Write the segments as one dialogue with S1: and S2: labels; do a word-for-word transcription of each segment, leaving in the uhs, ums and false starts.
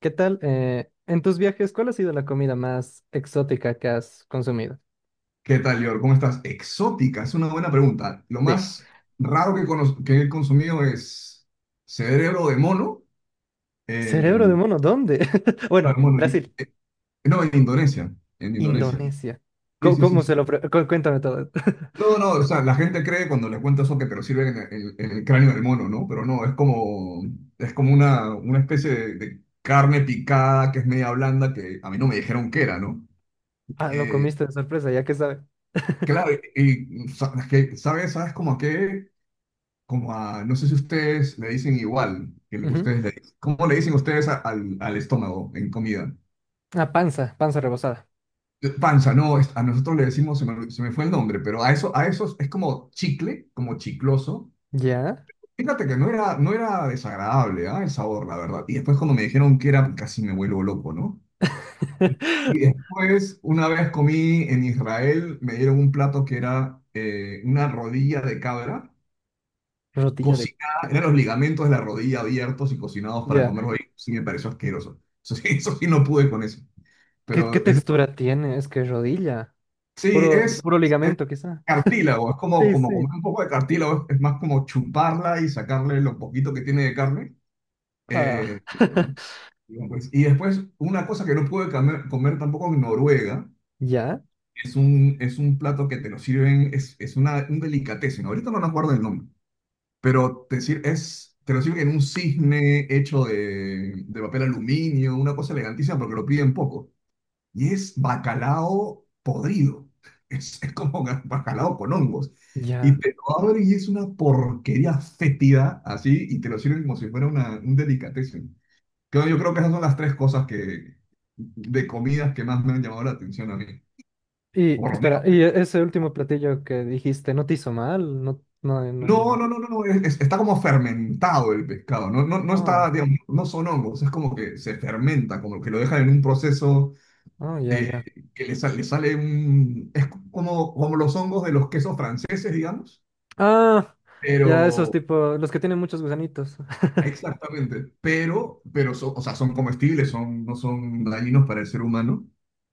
S1: ¿Qué tal? Eh, en tus viajes, ¿cuál ha sido la comida más exótica que has consumido?
S2: ¿Qué tal, Lior? ¿Cómo estás? Exótica, es una buena pregunta. Lo
S1: Sí.
S2: más raro que, cono- que he consumido es cerebro de mono.
S1: Cerebro
S2: eh,
S1: de mono, ¿dónde?
S2: no,
S1: Bueno,
S2: de mono,
S1: Brasil,
S2: eh, no, en Indonesia. En Indonesia.
S1: Indonesia.
S2: Sí,
S1: ¿Cómo,
S2: sí, sí,
S1: cómo se
S2: sí.
S1: lo... pre- cu- Cuéntame todo.
S2: No, no, o sea, la gente cree cuando les cuento eso que te lo sirven en el, en el, cráneo del mono, ¿no? Pero no, es como, es como, una, una especie de, de carne picada que es media blanda que a mí no me dijeron qué era, ¿no?
S1: Ah, lo
S2: Eh,
S1: comiste de sorpresa, ya que sabe.
S2: claro, y, y sa- es que, ¿sabes? ¿Sabes cómo a qué? Como a, no sé si ustedes le dicen igual, que le-
S1: Ujú.
S2: ustedes le dicen, ¿cómo le dicen ustedes a- al, al, estómago en comida?
S1: Ah, panza, panza rebozada.
S2: Eh, Panza, no, es- a nosotros le decimos, se me, se me, fue el nombre, pero a eso, a eso es como chicle, como chicloso.
S1: ¿Ya?
S2: Fíjate que no era, no era desagradable, ¿ah? El sabor, la verdad. Y después cuando me dijeron que era, casi me vuelvo loco, ¿no? Y después, una vez comí en Israel, me dieron un plato que era eh, una rodilla de cabra
S1: Rodilla de...
S2: cocinada. Eran los ligamentos de la rodilla abiertos y cocinados para
S1: Ya.
S2: comer hoy, sí me pareció asqueroso. Eso sí, eso sí no pude con eso.
S1: ¿Qué, qué
S2: Pero es-
S1: textura tiene? Es que rodilla.
S2: sí,
S1: Puro,
S2: es
S1: puro ligamento, quizá.
S2: cartílago, es como,
S1: Sí,
S2: como
S1: sí.
S2: comer un poco de cartílago. Es, es más como chuparla y sacarle lo poquito que tiene de carne.
S1: Ah.
S2: Eh, eh, y pues- y después, una cosa que no pude comer, comer, tampoco en Noruega,
S1: ¿Ya?
S2: es un, es un plato que te lo sirven. Es, es, una, un delicatessen, ahorita no me acuerdo el nombre. Pero te sir- es, te lo sirven en un cisne hecho de, de, papel aluminio, una cosa elegantísima porque lo piden poco. Y es bacalao podrido. Es, es como ga- bacalao con hongos. Y
S1: Ya.
S2: te lo abren y es una porquería fétida así y te lo sirven como si fuera una, un delicatessen. Creo- Yo creo que esas son las tres cosas que, de comidas que más me han llamado la atención a mí.
S1: Y
S2: Por lo
S1: espera, y e- ese último platillo que dijiste, ¿no te hizo mal? No, no, hay- no hay
S2: No,
S1: nada.
S2: no, no, no, no, es- es- está como fermentado el pescado. No, no, no está,
S1: Ah,
S2: Mm. digamos, no son hongos, es como que se fermenta, como que lo dejan en un proceso
S1: ah, ya,
S2: eh,
S1: ya.
S2: que le, sa- le sale un, es como, como, los hongos de los quesos franceses, digamos,
S1: Ah, ya esos
S2: pero,
S1: tipo, los que tienen muchos gusanitos.
S2: exactamente, pero, pero son, o sea, son comestibles, son, no son dañinos para el ser humano,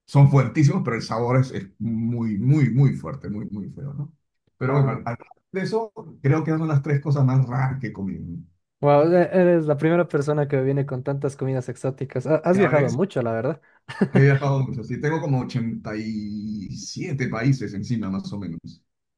S2: son fuertísimos, pero el sabor es, es muy, muy, muy fuerte, muy, muy feo, ¿no? Pero bueno,
S1: Ah,
S2: al- al- de eso creo que son las tres cosas más raras que he comido, ¿no?
S1: wow, e- eres la primera persona que viene con tantas comidas exóticas. Ha- Has
S2: Ya,
S1: viajado mucho, la verdad.
S2: he viajado mucho, sí, tengo como ochenta y siete países encima, más o menos,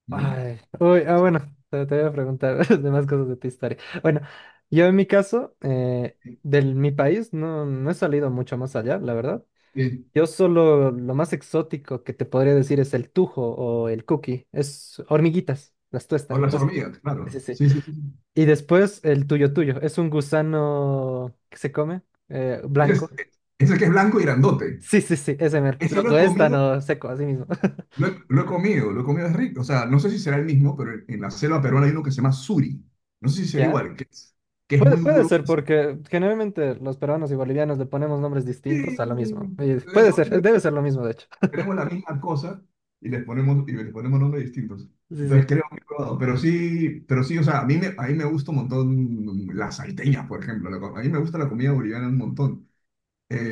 S2: ¿no?
S1: Ay, uy, ah,
S2: Sí.
S1: bueno, te, te voy a preguntar demás cosas de tu historia. Bueno, yo en mi caso, eh,
S2: Sí.
S1: del mi país no, no he salido mucho más allá, la verdad.
S2: Sí.
S1: Yo solo lo más exótico que te podría decir es el tujo o el cookie. Es hormiguitas, las
S2: O
S1: tuestan.
S2: las
S1: No sé.
S2: hormigas,
S1: Sí,
S2: claro.
S1: sí.
S2: Sí, sí, sí.
S1: Y después el tuyo tuyo. Es un gusano que se come, eh,
S2: Ese es,
S1: blanco.
S2: Ese que es blanco y grandote.
S1: Sí, sí, sí, ese mero.
S2: Ese
S1: Lo
S2: lo he
S1: tuestan
S2: comido,
S1: o seco, así mismo.
S2: lo he, lo he comido, lo he comido, es rico. O sea, no sé si será el mismo, pero en, en, la selva peruana hay uno que se llama suri. No sé si será
S1: ¿Ya?
S2: igual, que es, que es,
S1: Puede,
S2: muy
S1: puede ser
S2: grueso.
S1: porque generalmente los peruanos y bolivianos le ponemos nombres
S2: Sí,
S1: distintos a lo mismo. Y puede ser, eh, debe ser lo mismo, de hecho.
S2: tenemos la misma cosa y les ponemos, y les ponemos nombres distintos.
S1: Sí,
S2: Entonces
S1: sí.
S2: creo que he probado, pero sí, pero sí, o sea, a mí me, a mí me gusta un montón las salteñas, por ejemplo. La co- a mí me gusta la comida boliviana un montón.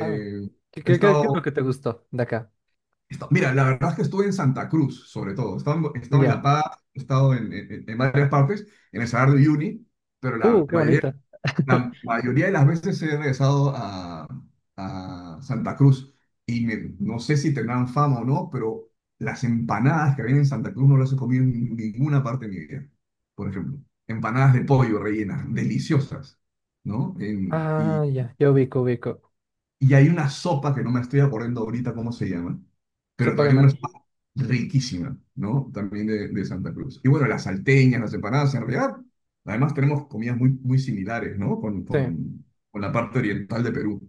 S1: Ah, ¿qué,
S2: He
S1: qué, qué- ¿qué es lo
S2: estado,
S1: que te gustó de acá?
S2: he estado- mira, la verdad es que estuve en Santa Cruz, sobre todo. He estado, en he estado en
S1: Ya.
S2: La Paz, he estado en, en- en varias partes, en el Salar de Uyuni, pero la
S1: Uh, qué
S2: mayoría
S1: bonita.
S2: la mayoría de las veces he regresado a, a, Santa Cruz. Y me- no sé si tendrán fama o no, pero las empanadas que había en Santa Cruz no las he comido en ninguna parte de mi vida. Por ejemplo, empanadas de pollo rellenas, deliciosas, ¿no? En-
S1: Ah, ya, yo ubico, ubico.
S2: y hay una sopa que no me estoy acordando ahorita cómo se llama, pero
S1: Sopa de
S2: también una
S1: maní.
S2: sopa riquísima, ¿no? También de, de, Santa Cruz. Y bueno, las salteñas, las empanadas, en realidad, además tenemos comidas muy, muy similares, ¿no? Con,
S1: Sí.
S2: con, con la parte oriental de Perú.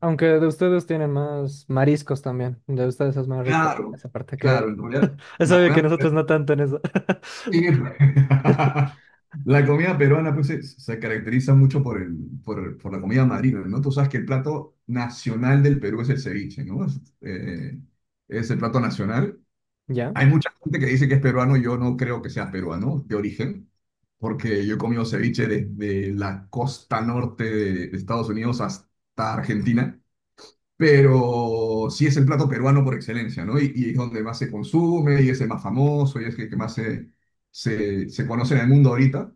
S1: Aunque de ustedes tienen más mariscos también. De ustedes es más rico
S2: Claro,
S1: esa parte
S2: claro,
S1: que...
S2: en realidad,
S1: Es
S2: la
S1: obvio que
S2: comida,
S1: nosotros no tanto en eso.
S2: sí, la comida peruana pues, se, se caracteriza mucho por, el, por, el- por la comida marina, ¿no? Tú sabes que el plato nacional del Perú es el ceviche, ¿no? Es, eh, es el plato nacional.
S1: ¿Ya?
S2: Hay mucha gente que dice que es peruano, yo no creo que sea peruano de origen, porque yo he comido ceviche desde la costa norte de de Estados Unidos hasta Argentina, pero sí es el plato peruano por excelencia, ¿no? Y, y, es donde más se consume, y es el más famoso, y es el que más se, se, se conoce en el mundo ahorita.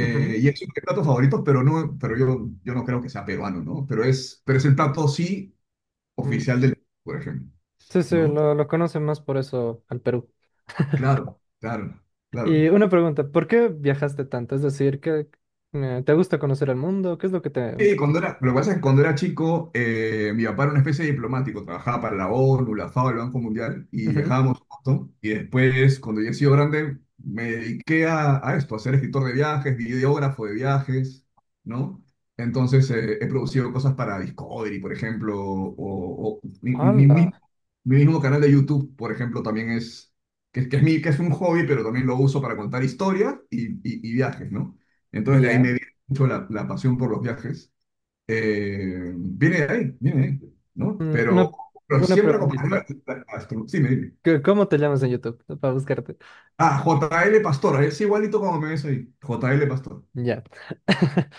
S1: Ujú.
S2: Y es uno de mis platos favoritos, pero, no, pero yo, yo, no creo que sea peruano, ¿no? Pero es, pero es el plato sí
S1: Mm,
S2: oficial del, por ejemplo,
S1: sí, sí,
S2: ¿no?
S1: lo, lo conocen más por eso al Perú.
S2: Claro, claro, claro.
S1: Y una pregunta, ¿por qué viajaste tanto? Es decir, ¿qué, eh, ¿te gusta conocer el mundo? ¿Qué es lo que te...
S2: Sí, cuando era, lo que pasa es que cuando era chico, eh, mi papá era una especie de diplomático, trabajaba para la ONU, la FAO, el Banco Mundial, y
S1: Ujú.
S2: viajábamos un montón. Y después, cuando yo he sido grande, me dediqué a, a, esto, a ser escritor de viajes, videógrafo de viajes, ¿no? Entonces, eh, he producido cosas para Discovery, por ejemplo, o, o mi, mi- mi-
S1: Hola.
S2: mi- mi mismo canal de YouTube, por ejemplo, también es, que, que, es mi, que es un hobby, pero también lo uso para contar historias y, y- y viajes, ¿no? Entonces, de ahí
S1: ¿Ya?
S2: me viene mucho la la pasión por los viajes. Eh, viene de ahí, viene de ahí, ¿no?
S1: Mm,
S2: Pero,
S1: Una,
S2: pero
S1: una
S2: siempre acompañado
S1: preguntita.
S2: a- a- a- sí, me dime.
S1: ¿Qué- ¿Cómo te llamas en YouTube para buscarte?
S2: Ah, J L Pastor, es igualito como me ves ahí. J L Pastor.
S1: Ya.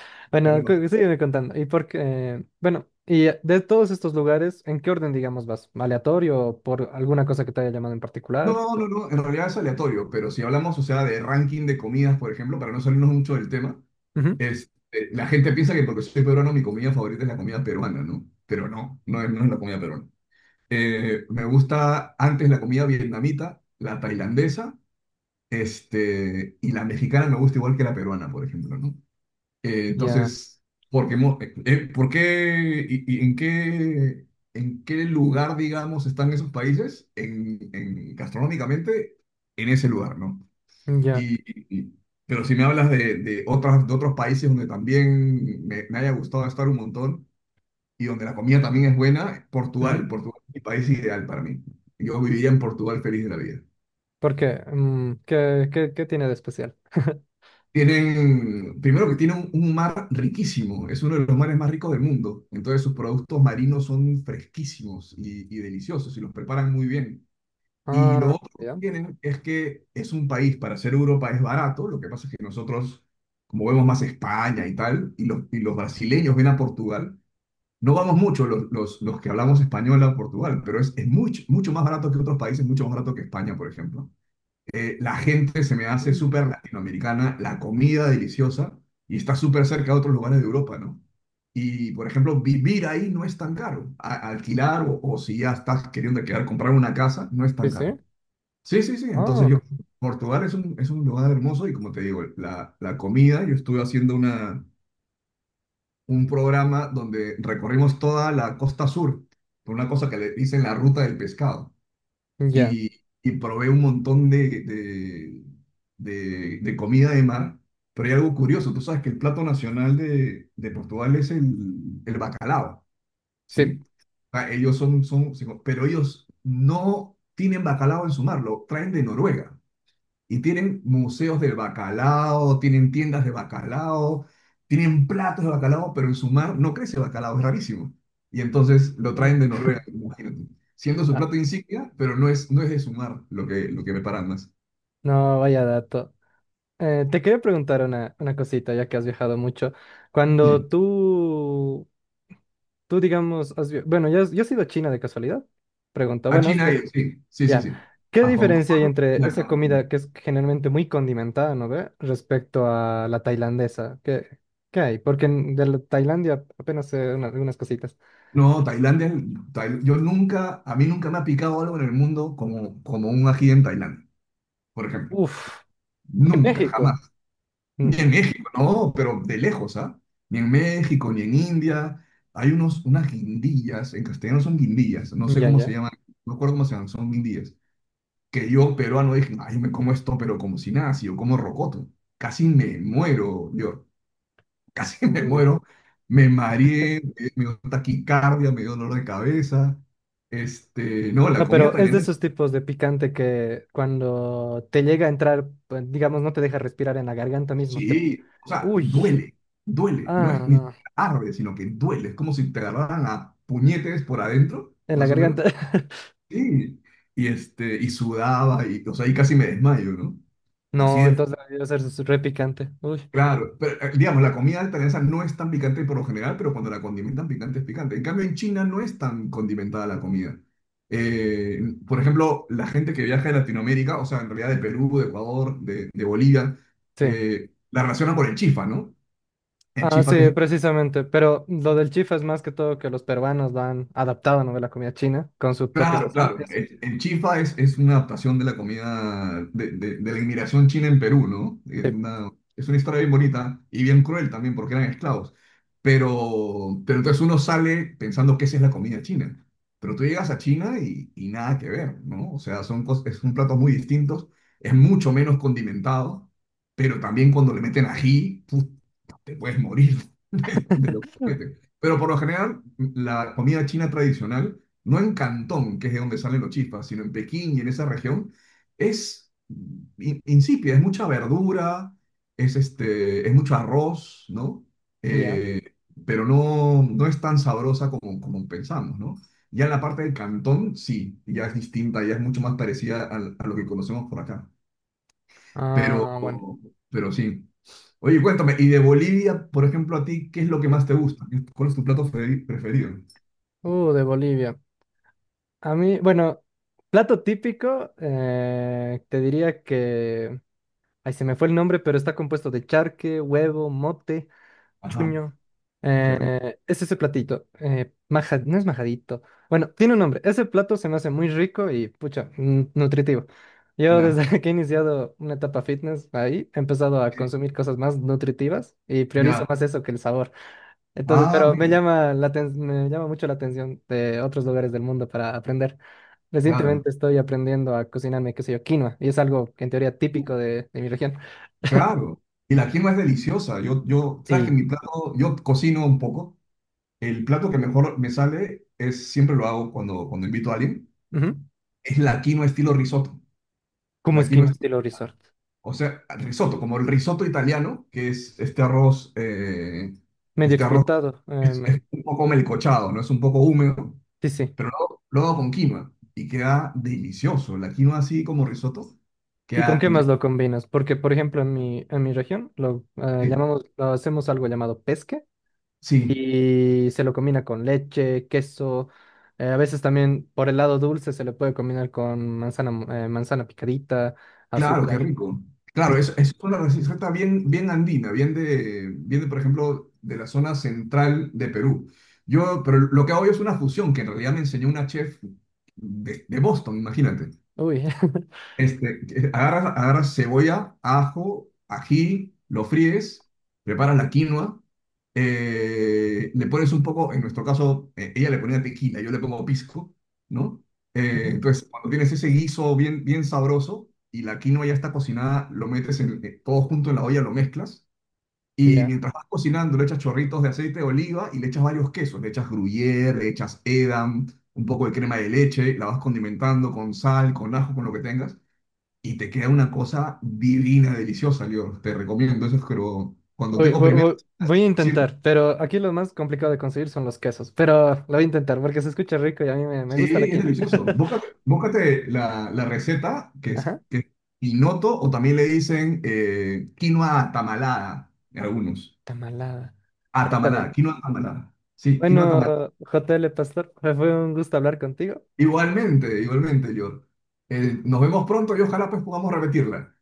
S2: J L
S1: Bueno,
S2: Pastor.
S1: cu- sígueme contando. Y por qué- bueno, y de todos estos lugares, ¿en qué orden, digamos, vas? ¿Aleatorio o por alguna cosa que te haya llamado en particular?
S2: No, no, no, en realidad es aleatorio, pero si hablamos, o sea, de ranking de comidas, por ejemplo, para no salirnos mucho del tema,
S1: Ujú.
S2: es, eh, la gente piensa que porque soy peruano mi comida favorita es la comida peruana, ¿no? Pero no, no es, no es, la comida peruana. Eh, me gusta antes la comida vietnamita, la tailandesa. Este, y la mexicana me gusta igual que la peruana, por ejemplo, ¿no? Eh,
S1: Ya,
S2: entonces, ¿por qué, mo- eh, eh, por qué y, y, en qué, en qué lugar, digamos, están esos países? En, en- gastronómicamente, en ese lugar, ¿no?
S1: ya.
S2: Y, y- y- pero si me hablas de, de, otras, de otros países donde también me, me haya gustado estar un montón y donde la comida también es buena, Portugal,
S1: Ujú.
S2: Portugal es mi país ideal para mí. Yo viviría en Portugal feliz de la vida.
S1: ¿Por qué? Mm, ¿qué, qué, ¿qué tiene de especial?
S2: Tienen, primero que tienen un, un, mar riquísimo. Es uno de los mares más ricos del mundo. Entonces sus productos marinos son fresquísimos y, y deliciosos y los preparan muy bien. Y
S1: Ah,
S2: lo otro que
S1: ya.
S2: tienen es que es un país, para ser Europa es barato. Lo que pasa es que nosotros, como vemos más España y tal, y los, y los, brasileños ven a Portugal, no vamos mucho los, los, los, que hablamos español a Portugal. Pero es, es mucho, mucho más barato que otros países, mucho más barato que España, por ejemplo. Eh, la gente se me hace
S1: Mm,
S2: súper latinoamericana, la comida deliciosa y está súper cerca de otros lugares de Europa, ¿no? Y, por ejemplo, vivir ahí no es tan caro. A- alquilar o, o, si ya estás queriendo quedar, comprar una casa, no es
S1: sí,
S2: tan
S1: sí.
S2: caro. Sí, sí, sí. Entonces
S1: Ah,
S2: yo, Portugal es un, es un, lugar hermoso. Y como te digo, la, la, comida, yo estuve haciendo una, un programa donde recorrimos toda la costa sur, por una cosa que le dicen la ruta del pescado.
S1: ya.
S2: Y, y, probé un montón de, de, de- de comida de mar. Pero hay algo curioso, tú sabes que el plato nacional de, de, Portugal es el, el bacalao,
S1: Sí.
S2: ¿sí? Ah, ellos son, son, se co- pero ellos no tienen bacalao en su mar, lo traen de Noruega. Y tienen museos del bacalao, tienen tiendas de bacalao, tienen platos de bacalao, pero en su mar no crece bacalao, es rarísimo. Y entonces lo
S1: Mm,
S2: traen de Noruega, imagínate. Siendo su
S1: ah,
S2: plato insignia, pero no es, no es, de su mar lo que, lo que preparan más.
S1: no, vaya dato. Eh, te quería preguntar una, una cosita, ya que has viajado mucho.
S2: Sí.
S1: Cuando tú tú, digamos, has vi- bueno, ¿ya has, ya has ido a China de casualidad? Pregunta,
S2: A
S1: bueno,
S2: China,
S1: este-
S2: y- sí, sí, sí,
S1: ya.
S2: sí.
S1: ¿Qué
S2: A Hong
S1: diferencia hay
S2: Kong y
S1: entre
S2: a
S1: esa
S2: Cancún.
S1: comida que es generalmente muy condimentada, ¿no ve? Respecto a la tailandesa. ¿Qué, qué hay? Porque en- de la Tailandia apenas sé una- algunas cositas.
S2: No, Tailandia, Tail- yo nunca, a mí nunca me ha picado algo en el mundo como, como, un ají en Tailandia, por ejemplo.
S1: Uf,
S2: Nunca,
S1: México.
S2: jamás. Ni
S1: Mm,
S2: en México, no, pero de lejos, ¿ah? Ni en México, ni en India. Hay unos, unas guindillas, en castellano son guindillas, no sé
S1: ya,
S2: cómo se
S1: ya.
S2: llaman, no recuerdo cómo se llaman, son guindillas. Que yo, peruano, dije, ay, me como esto, pero como si nada, si yo como rocoto. Casi me muero, yo, casi me
S1: Uy.
S2: muero. Me mareé, me me dio taquicardia, me dio dolor de cabeza. Este, no, la
S1: No,
S2: comida
S1: pero es de
S2: tailandesa.
S1: esos tipos de picante que cuando te llega a entrar, pues, digamos, no te deja respirar en la garganta mismo. Te...
S2: Sí, o sea,
S1: Uy.
S2: duele, duele. No
S1: Ah,
S2: es ni
S1: no.
S2: siquiera arde, sino que duele. Es como si te agarraran a puñetes por adentro,
S1: En la
S2: más o
S1: garganta.
S2: menos. Sí. Y, este, y sudaba, y, o sea, y casi me desmayo, ¿no? Así
S1: No,
S2: de...
S1: entonces debió ser s- re picante. Uy,
S2: Claro, pero eh, digamos, la comida altanesa no es tan picante por lo general, pero cuando la condimentan picante es picante. En cambio, en China no es tan condimentada la comida. Eh, por ejemplo, la gente que viaja de Latinoamérica, o sea, en realidad de Perú, de Ecuador, de, de Bolivia,
S1: sí.
S2: eh, la relacionan con el chifa, ¿no? El
S1: Ah,
S2: chifa que es...
S1: sí, precisamente. Pero lo del chifa es más que todo que los peruanos lo han adaptado, ¿no? De la comida china con su propio
S2: Claro,
S1: sazón.
S2: claro.
S1: Eso.
S2: El, el chifa es, es una adaptación de la comida de, de- de la inmigración china en Perú, ¿no? Eh,
S1: Sí.
S2: una- es una historia bien bonita y bien cruel también porque eran esclavos. Pero, pero entonces uno sale pensando que esa es la comida china. Pero tú llegas a China y, y nada que ver, ¿no? O sea, son, cos- son platos muy distintos, es mucho menos condimentado, pero también cuando le meten ají, pu- te puedes morir. de lo que meten. Pero por lo general, la comida china tradicional, no en Cantón, que es de donde salen los chifas, sino en Pekín y en esa región, es in- insípida, es mucha verdura, es, este, es mucho arroz, ¿no?
S1: Ya.
S2: Eh, pero no, no es tan sabrosa como, como pensamos, ¿no? Ya en la parte del Cantón, sí, ya es distinta, ya es mucho más parecida al- a lo que conocemos por acá. Pero,
S1: Ah, bueno.
S2: pero sí. Oye, cuéntame, y de Bolivia, por ejemplo, a ti, ¿qué es lo que más te gusta? ¿Qué- Cuál es tu plato fe- preferido?
S1: Uh, de Bolivia. A mí, bueno, plato típico, eh, te diría que... Ay, se me fue el nombre, pero está compuesto de charque, huevo, mote.
S2: Ajá,
S1: Chuño.
S2: qué rico.
S1: Eh, es ese platito. Eh, maja- no es majadito. Bueno, tiene un nombre. Ese plato se me hace muy rico y, pucha, mm, nutritivo. Yo
S2: Ya,
S1: desde que he iniciado una etapa fitness ahí, he empezado a consumir cosas más nutritivas y priorizo
S2: ya.
S1: más eso que el sabor. Entonces,
S2: Ah,
S1: pero me
S2: mira,
S1: llama la aten- me llama mucho la atención de otros lugares del mundo para aprender.
S2: claro.
S1: Recientemente estoy aprendiendo a cocinarme, qué sé yo, quinoa, y es algo que en teoría
S2: Uh,
S1: típico de, de mi región.
S2: claro. Y la quinoa es deliciosa. Yo, yo, sabes que
S1: Sí.
S2: mi plato, yo cocino un poco. El plato que mejor me sale es, siempre lo hago cuando, cuando invito a alguien,
S1: Ujú.
S2: es la quinoa estilo risotto.
S1: ¿Cómo
S2: La
S1: es
S2: quinoa...
S1: quinoa estilo resort?
S2: O sea, risotto, como el risotto italiano, que es este arroz, eh,
S1: Medio
S2: este arroz
S1: explotado.
S2: es,
S1: em,
S2: es un poco melcochado, ¿no? Es un poco húmedo,
S1: sí, sí.
S2: pero luego, luego con quinoa y queda delicioso. La quinoa así como risotto,
S1: ¿Y con
S2: queda
S1: qué más
S2: ri-.
S1: lo combinas? Porque, por ejemplo, en mi, en mi región lo eh,
S2: Sí,
S1: llamamos, lo hacemos algo llamado pesque
S2: sí,
S1: y se lo combina con leche, queso. Eh, a veces también por el lado dulce se le puede combinar con manzana, mo- eh, manzana picadita,
S2: claro, qué
S1: azúcar.
S2: rico. Claro, es, es una receta bien, bien andina, bien de, bien de, por ejemplo, de la zona central de Perú. Yo, pero lo que hago yo es una fusión que en realidad me enseñó una chef de, de Boston, imagínate.
S1: Uy.
S2: Este, que- agarras, agarras cebolla, ajo, ají, lo fríes, preparas la quinoa, eh, le pones un poco, en nuestro caso, eh, ella le ponía tequila, yo le pongo pisco, ¿no? Eh,
S1: Ujú,
S2: entonces, cuando tienes ese guiso bien, bien sabroso y la quinoa ya está cocinada, lo metes en, eh, todo junto en la olla, lo mezclas y
S1: ya.
S2: mientras vas cocinando le echas chorritos de aceite de oliva y le echas varios quesos, le echas gruyere, le echas edam, un poco de crema de leche, la vas condimentando con sal, con ajo, con lo que tengas y te queda una cosa divina, deliciosa, yo te recomiendo eso, es pero cuando
S1: Voy,
S2: tengo
S1: voy-
S2: primero,
S1: voy- voy a
S2: sí,
S1: intentar, pero aquí lo más complicado de conseguir son los quesos. Pero lo voy a intentar porque se escucha rico y a mí me, me
S2: sí,
S1: gusta la
S2: es
S1: quina.
S2: delicioso. Búscate, búscate la, la receta, que es,
S1: Ajá.
S2: que es pinoto, o también le dicen eh, quinoa atamalada, algunos.
S1: Tamalada. Ya está bien.
S2: Atamalada, quinoa atamalada. Sí, quinoa
S1: Bueno,
S2: atamalada.
S1: J L Pastor, fue un gusto hablar contigo.
S2: Igualmente, igualmente, yo... Eh, nos vemos pronto y ojalá pues podamos repetirla.